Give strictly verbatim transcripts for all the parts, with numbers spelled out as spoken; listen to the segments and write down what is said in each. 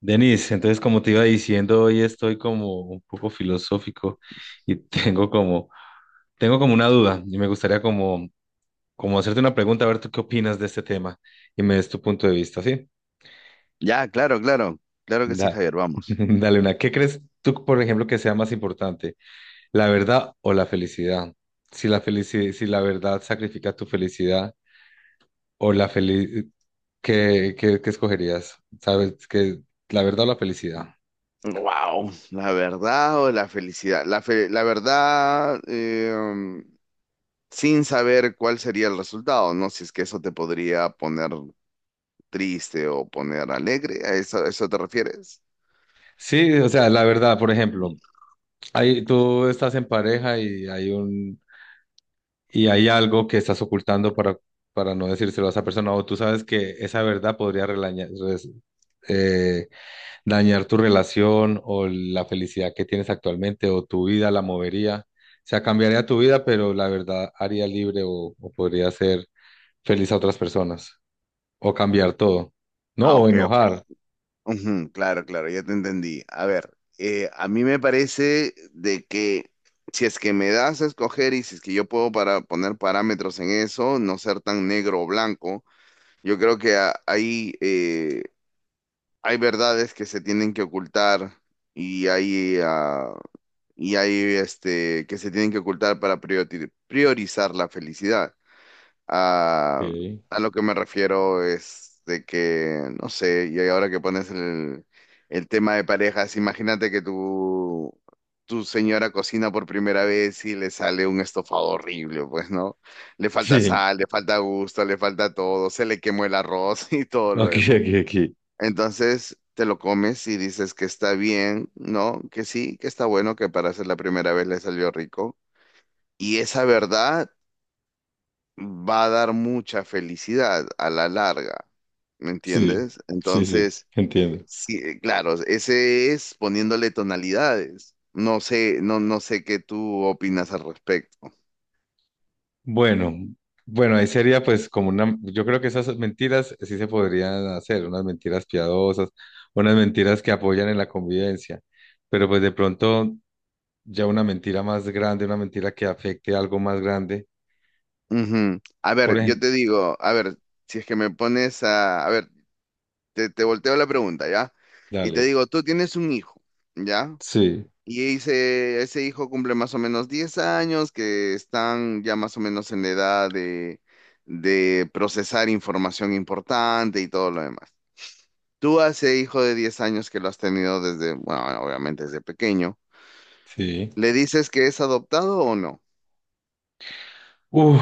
Denis, entonces como te iba diciendo, hoy estoy como un poco filosófico y tengo como, tengo como una duda y me gustaría como, como hacerte una pregunta, a ver tú qué opinas de este tema y me des tu punto de vista, ¿sí? Ya, claro, claro, claro que sí, Da, Javier, vamos. dale una. ¿Qué crees tú, por ejemplo, que sea más importante, la verdad o la felicidad? Si la felici- si la verdad sacrifica tu felicidad o la felicidad, ¿qué, qué, qué escogerías? ¿Sabes? ¿Que la verdad o la felicidad? Wow, la verdad o la felicidad. La, fe- la verdad, eh, sin saber cuál sería el resultado, ¿no? Si es que eso te podría poner triste o poner alegre, ¿a eso, a eso te refieres? Sí, o sea, la verdad, por ejemplo. Ahí tú estás en pareja y hay un y hay algo que estás ocultando para, para no decírselo a esa persona, o tú sabes que esa verdad podría relaña- res- eh, dañar tu relación o la felicidad que tienes actualmente o tu vida la movería. O sea, cambiaría tu vida, pero la verdad haría libre o, o podría hacer feliz a otras personas o cambiar todo, ¿no? Ah, O ok, ok. enojar. Ujú, claro, claro, ya te entendí. A ver, eh, a mí me parece de que si es que me das a escoger y si es que yo puedo para poner parámetros en eso, no ser tan negro o blanco. Yo creo que a- hay, eh, hay verdades que se tienen que ocultar y hay, ah, y hay este, que se tienen que ocultar para prioriti- priorizar la felicidad. Ok. A, a lo que me refiero es de que, no sé, y ahora que pones el, el tema de parejas, imagínate que tu, tu señora cocina por primera vez y le sale un estofado horrible, pues, ¿no? Le falta Sí, sal, le falta gusto, le falta todo, se le quemó el arroz y todo lo aquí, demás. aquí, aquí. Entonces te lo comes y dices que está bien, ¿no? Que sí, que está bueno, que para ser la primera vez le salió rico. Y esa verdad va a dar mucha felicidad a la larga, ¿me Sí, entiendes? sí, sí, Entonces, entiendo. sí, eh, claro, ese es poniéndole tonalidades. No sé, no, no sé qué tú opinas al respecto. Bueno, bueno, ahí sería pues como una, yo creo que esas mentiras sí se podrían hacer, unas mentiras piadosas, unas mentiras que apoyan en la convivencia, pero pues de pronto ya una mentira más grande, una mentira que afecte a algo más grande, Ujú. A por ver, yo ejemplo, te digo, a ver, si es que me pones a, a ver, te, te volteo la pregunta, ¿ya? Y te dale, digo, tú tienes un hijo, ¿ya? sí, Y ese, ese hijo cumple más o menos diez años, que están ya más o menos en la edad de, de procesar información importante y todo lo demás. Tú a ese hijo de diez años que lo has tenido desde, bueno, obviamente desde pequeño, sí, ¿le dices que es adoptado o no? uf,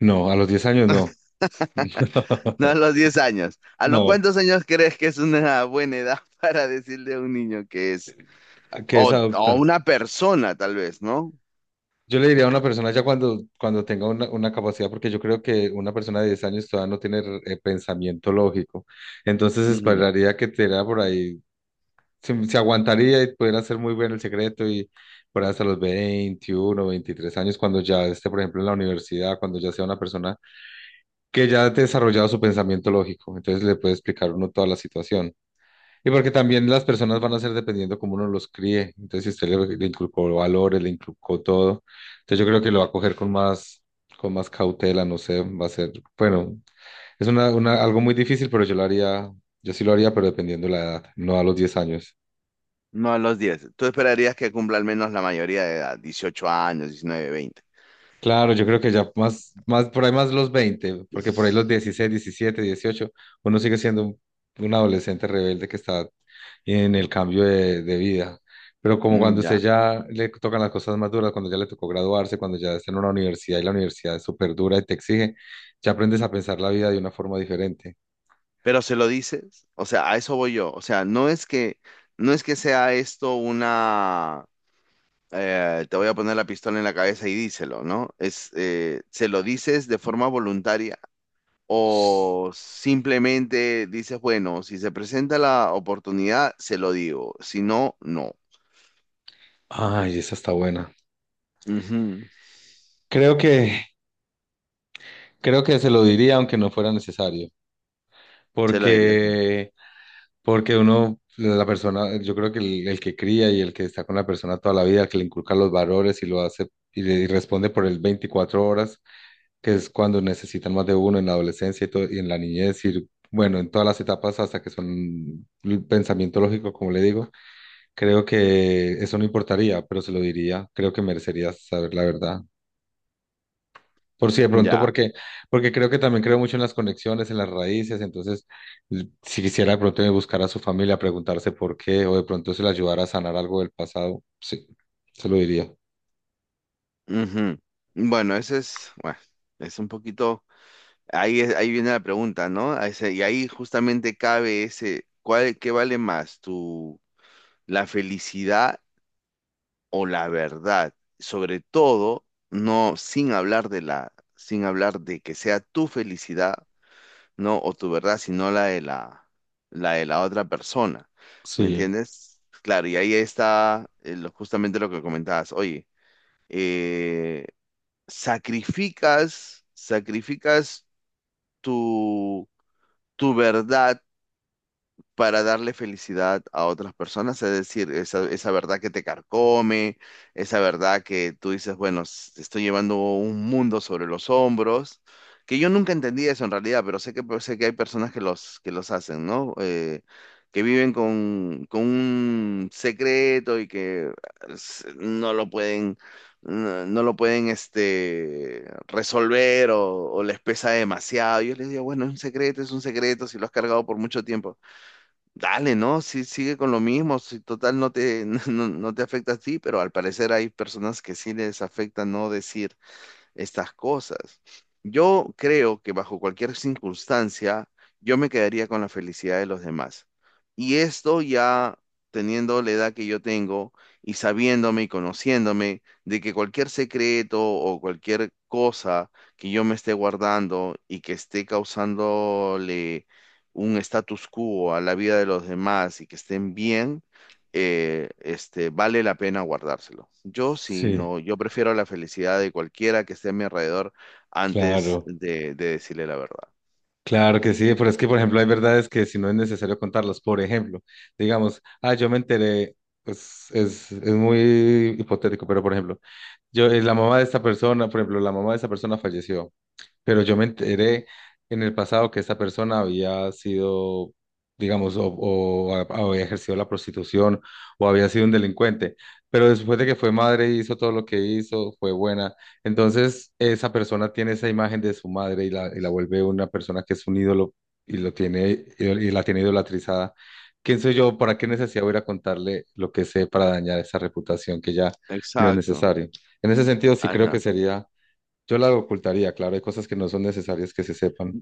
no, a los diez años no, No a los diez años. ¿A los no, cuántos años crees que es una buena edad para decirle a un niño que es, que es o, o adoptar. una persona tal vez, ¿no? Yo le diría a una persona ya cuando, cuando tenga una, una capacidad, porque yo creo que una persona de diez años todavía no tiene eh, pensamiento lógico. Entonces esperaría que te diera por ahí, se, se aguantaría y pudiera hacer muy bien el secreto y por ahí hasta los veintiuno veintitrés años, cuando ya esté, por ejemplo, en la universidad, cuando ya sea una persona que ya ha desarrollado su pensamiento lógico. Entonces le puede explicar uno toda la situación. Y porque también las personas van a ser dependiendo cómo uno los críe. Entonces, si usted le, le inculcó valores, le inculcó todo, entonces yo creo que lo va a coger con más, con más cautela, no sé, va a ser, bueno, es una, una, algo muy difícil, pero yo lo haría, yo sí lo haría, pero dependiendo la edad, no a los diez años. No a los diez. Tú esperarías que cumpla al menos la mayoría de edad, ¿dieciocho años, diecinueve, veinte? Claro, yo creo que ya más, más, por ahí más los veinte, porque por ahí los dieciséis, diecisiete, dieciocho, uno sigue siendo un, un adolescente rebelde que está en el cambio de, de vida. Pero como cuando Mm, usted ya. ya le tocan las cosas más duras, cuando ya le tocó graduarse, cuando ya está en una universidad y la universidad es súper dura y te exige, ya aprendes a pensar la vida de una forma diferente. Pero se lo dices, o sea, a eso voy yo. O sea, no es que, no es que sea esto una, eh, te voy a poner la pistola en la cabeza y díselo, ¿no? Es, eh, se lo dices de forma voluntaria o simplemente dices, bueno, si se presenta la oportunidad, se lo digo. Si no, no. Ay, esa está buena. Ujú. Creo que, creo que se lo diría aunque no fuera necesario, Se lo dirías. Tú. porque Porque uno, la persona, yo creo que el, el que cría y el que está con la persona toda la vida, el que le inculca los valores y lo hace y, le- y responde por el veinticuatro horas, que es cuando necesitan más de uno en la adolescencia y, todo- y en la niñez y bueno, en todas las etapas hasta que son el pensamiento lógico, como le digo, creo que eso no importaría, pero se lo diría, creo que merecería saber la verdad. Por si de pronto, Ya. porque, porque creo que también creo mucho en las conexiones, en las raíces, entonces l- si quisiera de pronto buscar a su familia, preguntarse por qué, o de pronto se le ayudara a sanar algo del pasado, sí, se lo diría. Ujú. Bueno, ese es, bueno, es un poquito, ahí, es- ahí viene la pregunta, ¿no? A ese- y ahí justamente cabe ese, ¿cuál, qué vale más, tu, la felicidad o la verdad? Sobre todo, no, sin hablar de la, sin hablar de que sea tu felicidad, ¿no? O tu verdad, sino la de la, la de la otra persona, ¿me Sí, entiendes? Claro, y ahí está eh, lo- justamente lo que comentabas, oye, eh, sacrificas, sacrificas tu, tu verdad para darle felicidad a otras personas, es decir, esa, esa verdad que te carcome, esa verdad que tú dices, bueno, s- estoy llevando un mundo sobre los hombros, que yo nunca entendí eso en realidad, pero sé que, pues, sé que hay personas que los, que los hacen, ¿no? Eh, que viven con, con un secreto y que s- no lo pueden, no, no lo pueden este, resolver o, o les pesa demasiado. Yo les digo, bueno, es un secreto, es un secreto, si lo has cargado por mucho tiempo. Dale, ¿no? Sí, sigue con lo mismo. Si total no te, no, no te afecta a ti, pero al parecer hay personas que sí les afecta no decir estas cosas. Yo creo que bajo cualquier circunstancia, yo me quedaría con la felicidad de los demás. Y esto ya teniendo la edad que yo tengo y sabiéndome y conociéndome de que cualquier secreto o cualquier cosa que yo me esté guardando y que esté causándole un status quo a la vida de los demás y que estén bien, eh, este, vale la pena guardárselo. Yo sí, sí, no, yo prefiero la felicidad de cualquiera que esté a mi alrededor antes claro, de, de decirle la verdad. claro que sí, pero es que, por ejemplo, hay verdades que si no es necesario contarlas, por ejemplo, digamos, ah, yo me enteré, pues es, es muy hipotético, pero por ejemplo, yo, eh, la mamá de esta persona, por ejemplo, la mamá de esta persona falleció. Pero yo me enteré en el pasado que esta persona había sido, digamos, o, o ha- había ejercido la prostitución o había sido un delincuente, pero después de que fue madre hizo todo lo que hizo, fue buena. Entonces, esa persona tiene esa imagen de su madre y la, y la vuelve una persona que es un ídolo y lo tiene y la tiene idolatrizada. ¿Quién soy yo? ¿Para qué necesidad voy a ir a contarle lo que sé para dañar esa reputación que ya no es Exacto. necesario? En ese sentido, sí creo Ajá. que sería, yo la ocultaría, claro, hay cosas que no son necesarias que se sepan.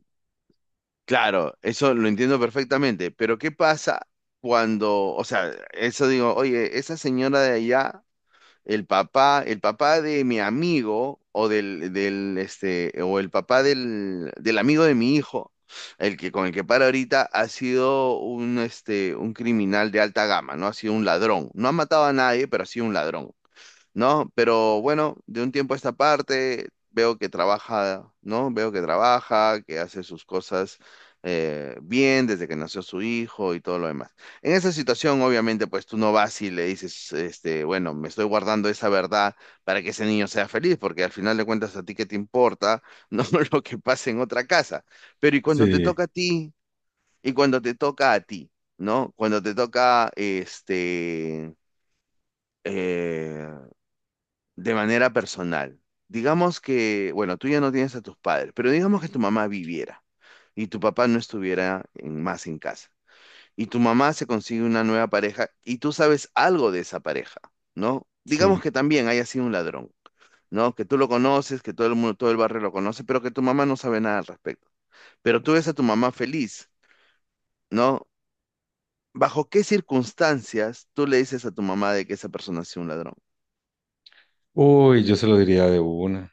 Claro, eso lo entiendo perfectamente, pero ¿qué pasa cuando, o sea, eso digo, oye, esa señora de allá, el papá, el papá de mi amigo o del, del este, o el papá del, del amigo de mi hijo, el que con el que para ahorita ha sido un este, un criminal de alta gama, ¿no? Ha sido un ladrón. No ha matado a nadie, pero ha sido un ladrón. ¿No? Pero bueno, de un tiempo a esta parte veo que trabaja, ¿no? Veo que trabaja, que hace sus cosas, eh, bien desde que nació su hijo y todo lo demás. En esa situación, obviamente, pues tú no vas y le dices, este, bueno, me estoy guardando esa verdad para que ese niño sea feliz, porque al final de cuentas a ti qué te importa, no lo que pase en otra casa. Pero y cuando te Sí, toca a ti, y cuando te toca a ti, ¿no? Cuando te toca, este... eh, de manera personal. Digamos que, bueno, tú ya no tienes a tus padres, pero digamos que tu mamá viviera y tu papá no estuviera en- más en casa. Y tu mamá se consigue una nueva pareja y tú sabes algo de esa pareja, ¿no? sí. Digamos que también haya sido un ladrón, ¿no? Que tú lo conoces, que todo el mundo, todo el barrio lo conoce, pero que tu mamá no sabe nada al respecto. Pero tú ves a tu mamá feliz, ¿no? ¿Bajo qué circunstancias tú le dices a tu mamá de que esa persona ha sido un ladrón? Uy, yo se lo diría de una.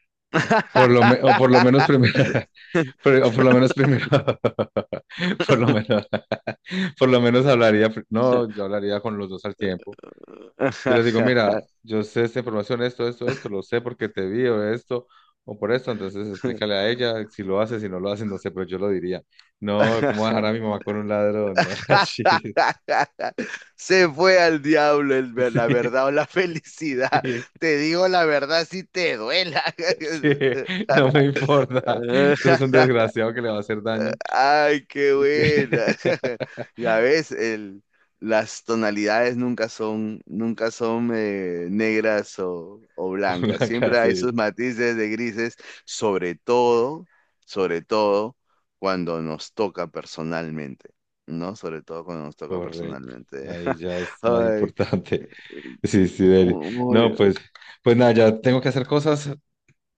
Por lo me- o por lo menos primero, pero- o por lo menos primero, por lo menos, por lo menos hablaría, pr- no, yo hablaría con los dos al tiempo. Yo les digo, mira, yo sé esta información, esto, esto, esto, lo sé porque te vi o esto, o por esto, entonces explícale a ella si lo hace, si no lo hace, no sé, pero yo lo diría. No, ¿cómo dejar a mi mamá con un ladrón? No, sí, Se fue al diablo el ver- sí, la verdad o la felicidad. sí. Te digo la verdad si te duela. Sí, no me importa. Eso es un desgraciado que le va a hacer daño Ay, qué y que buena. Ya ves, el, las tonalidades nunca son, nunca son eh, negras o, o blancas. ponga Siempre hay casi sus matices de grises, sobre todo, sobre todo cuando nos toca personalmente, ¿no? Sobre todo cuando nos toca correcto. personalmente. Ahí ya es más Ay, importante. Sí, sí, Deli. mu- No, muy- pues, pues nada, ya tengo que hacer cosas.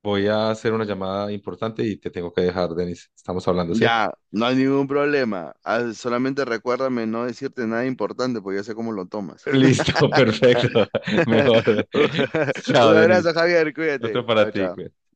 Voy a hacer una llamada importante y te tengo que dejar, Denis. Estamos hablando, ¿sí? ya, no hay ningún problema. Ah, solamente recuérdame no decirte nada importante, porque yo sé cómo lo tomas. Listo, perfecto. Mejor. Chao, Un Denis. abrazo, Javier, Otro cuídate. para Chao, ti, chao. cuídate.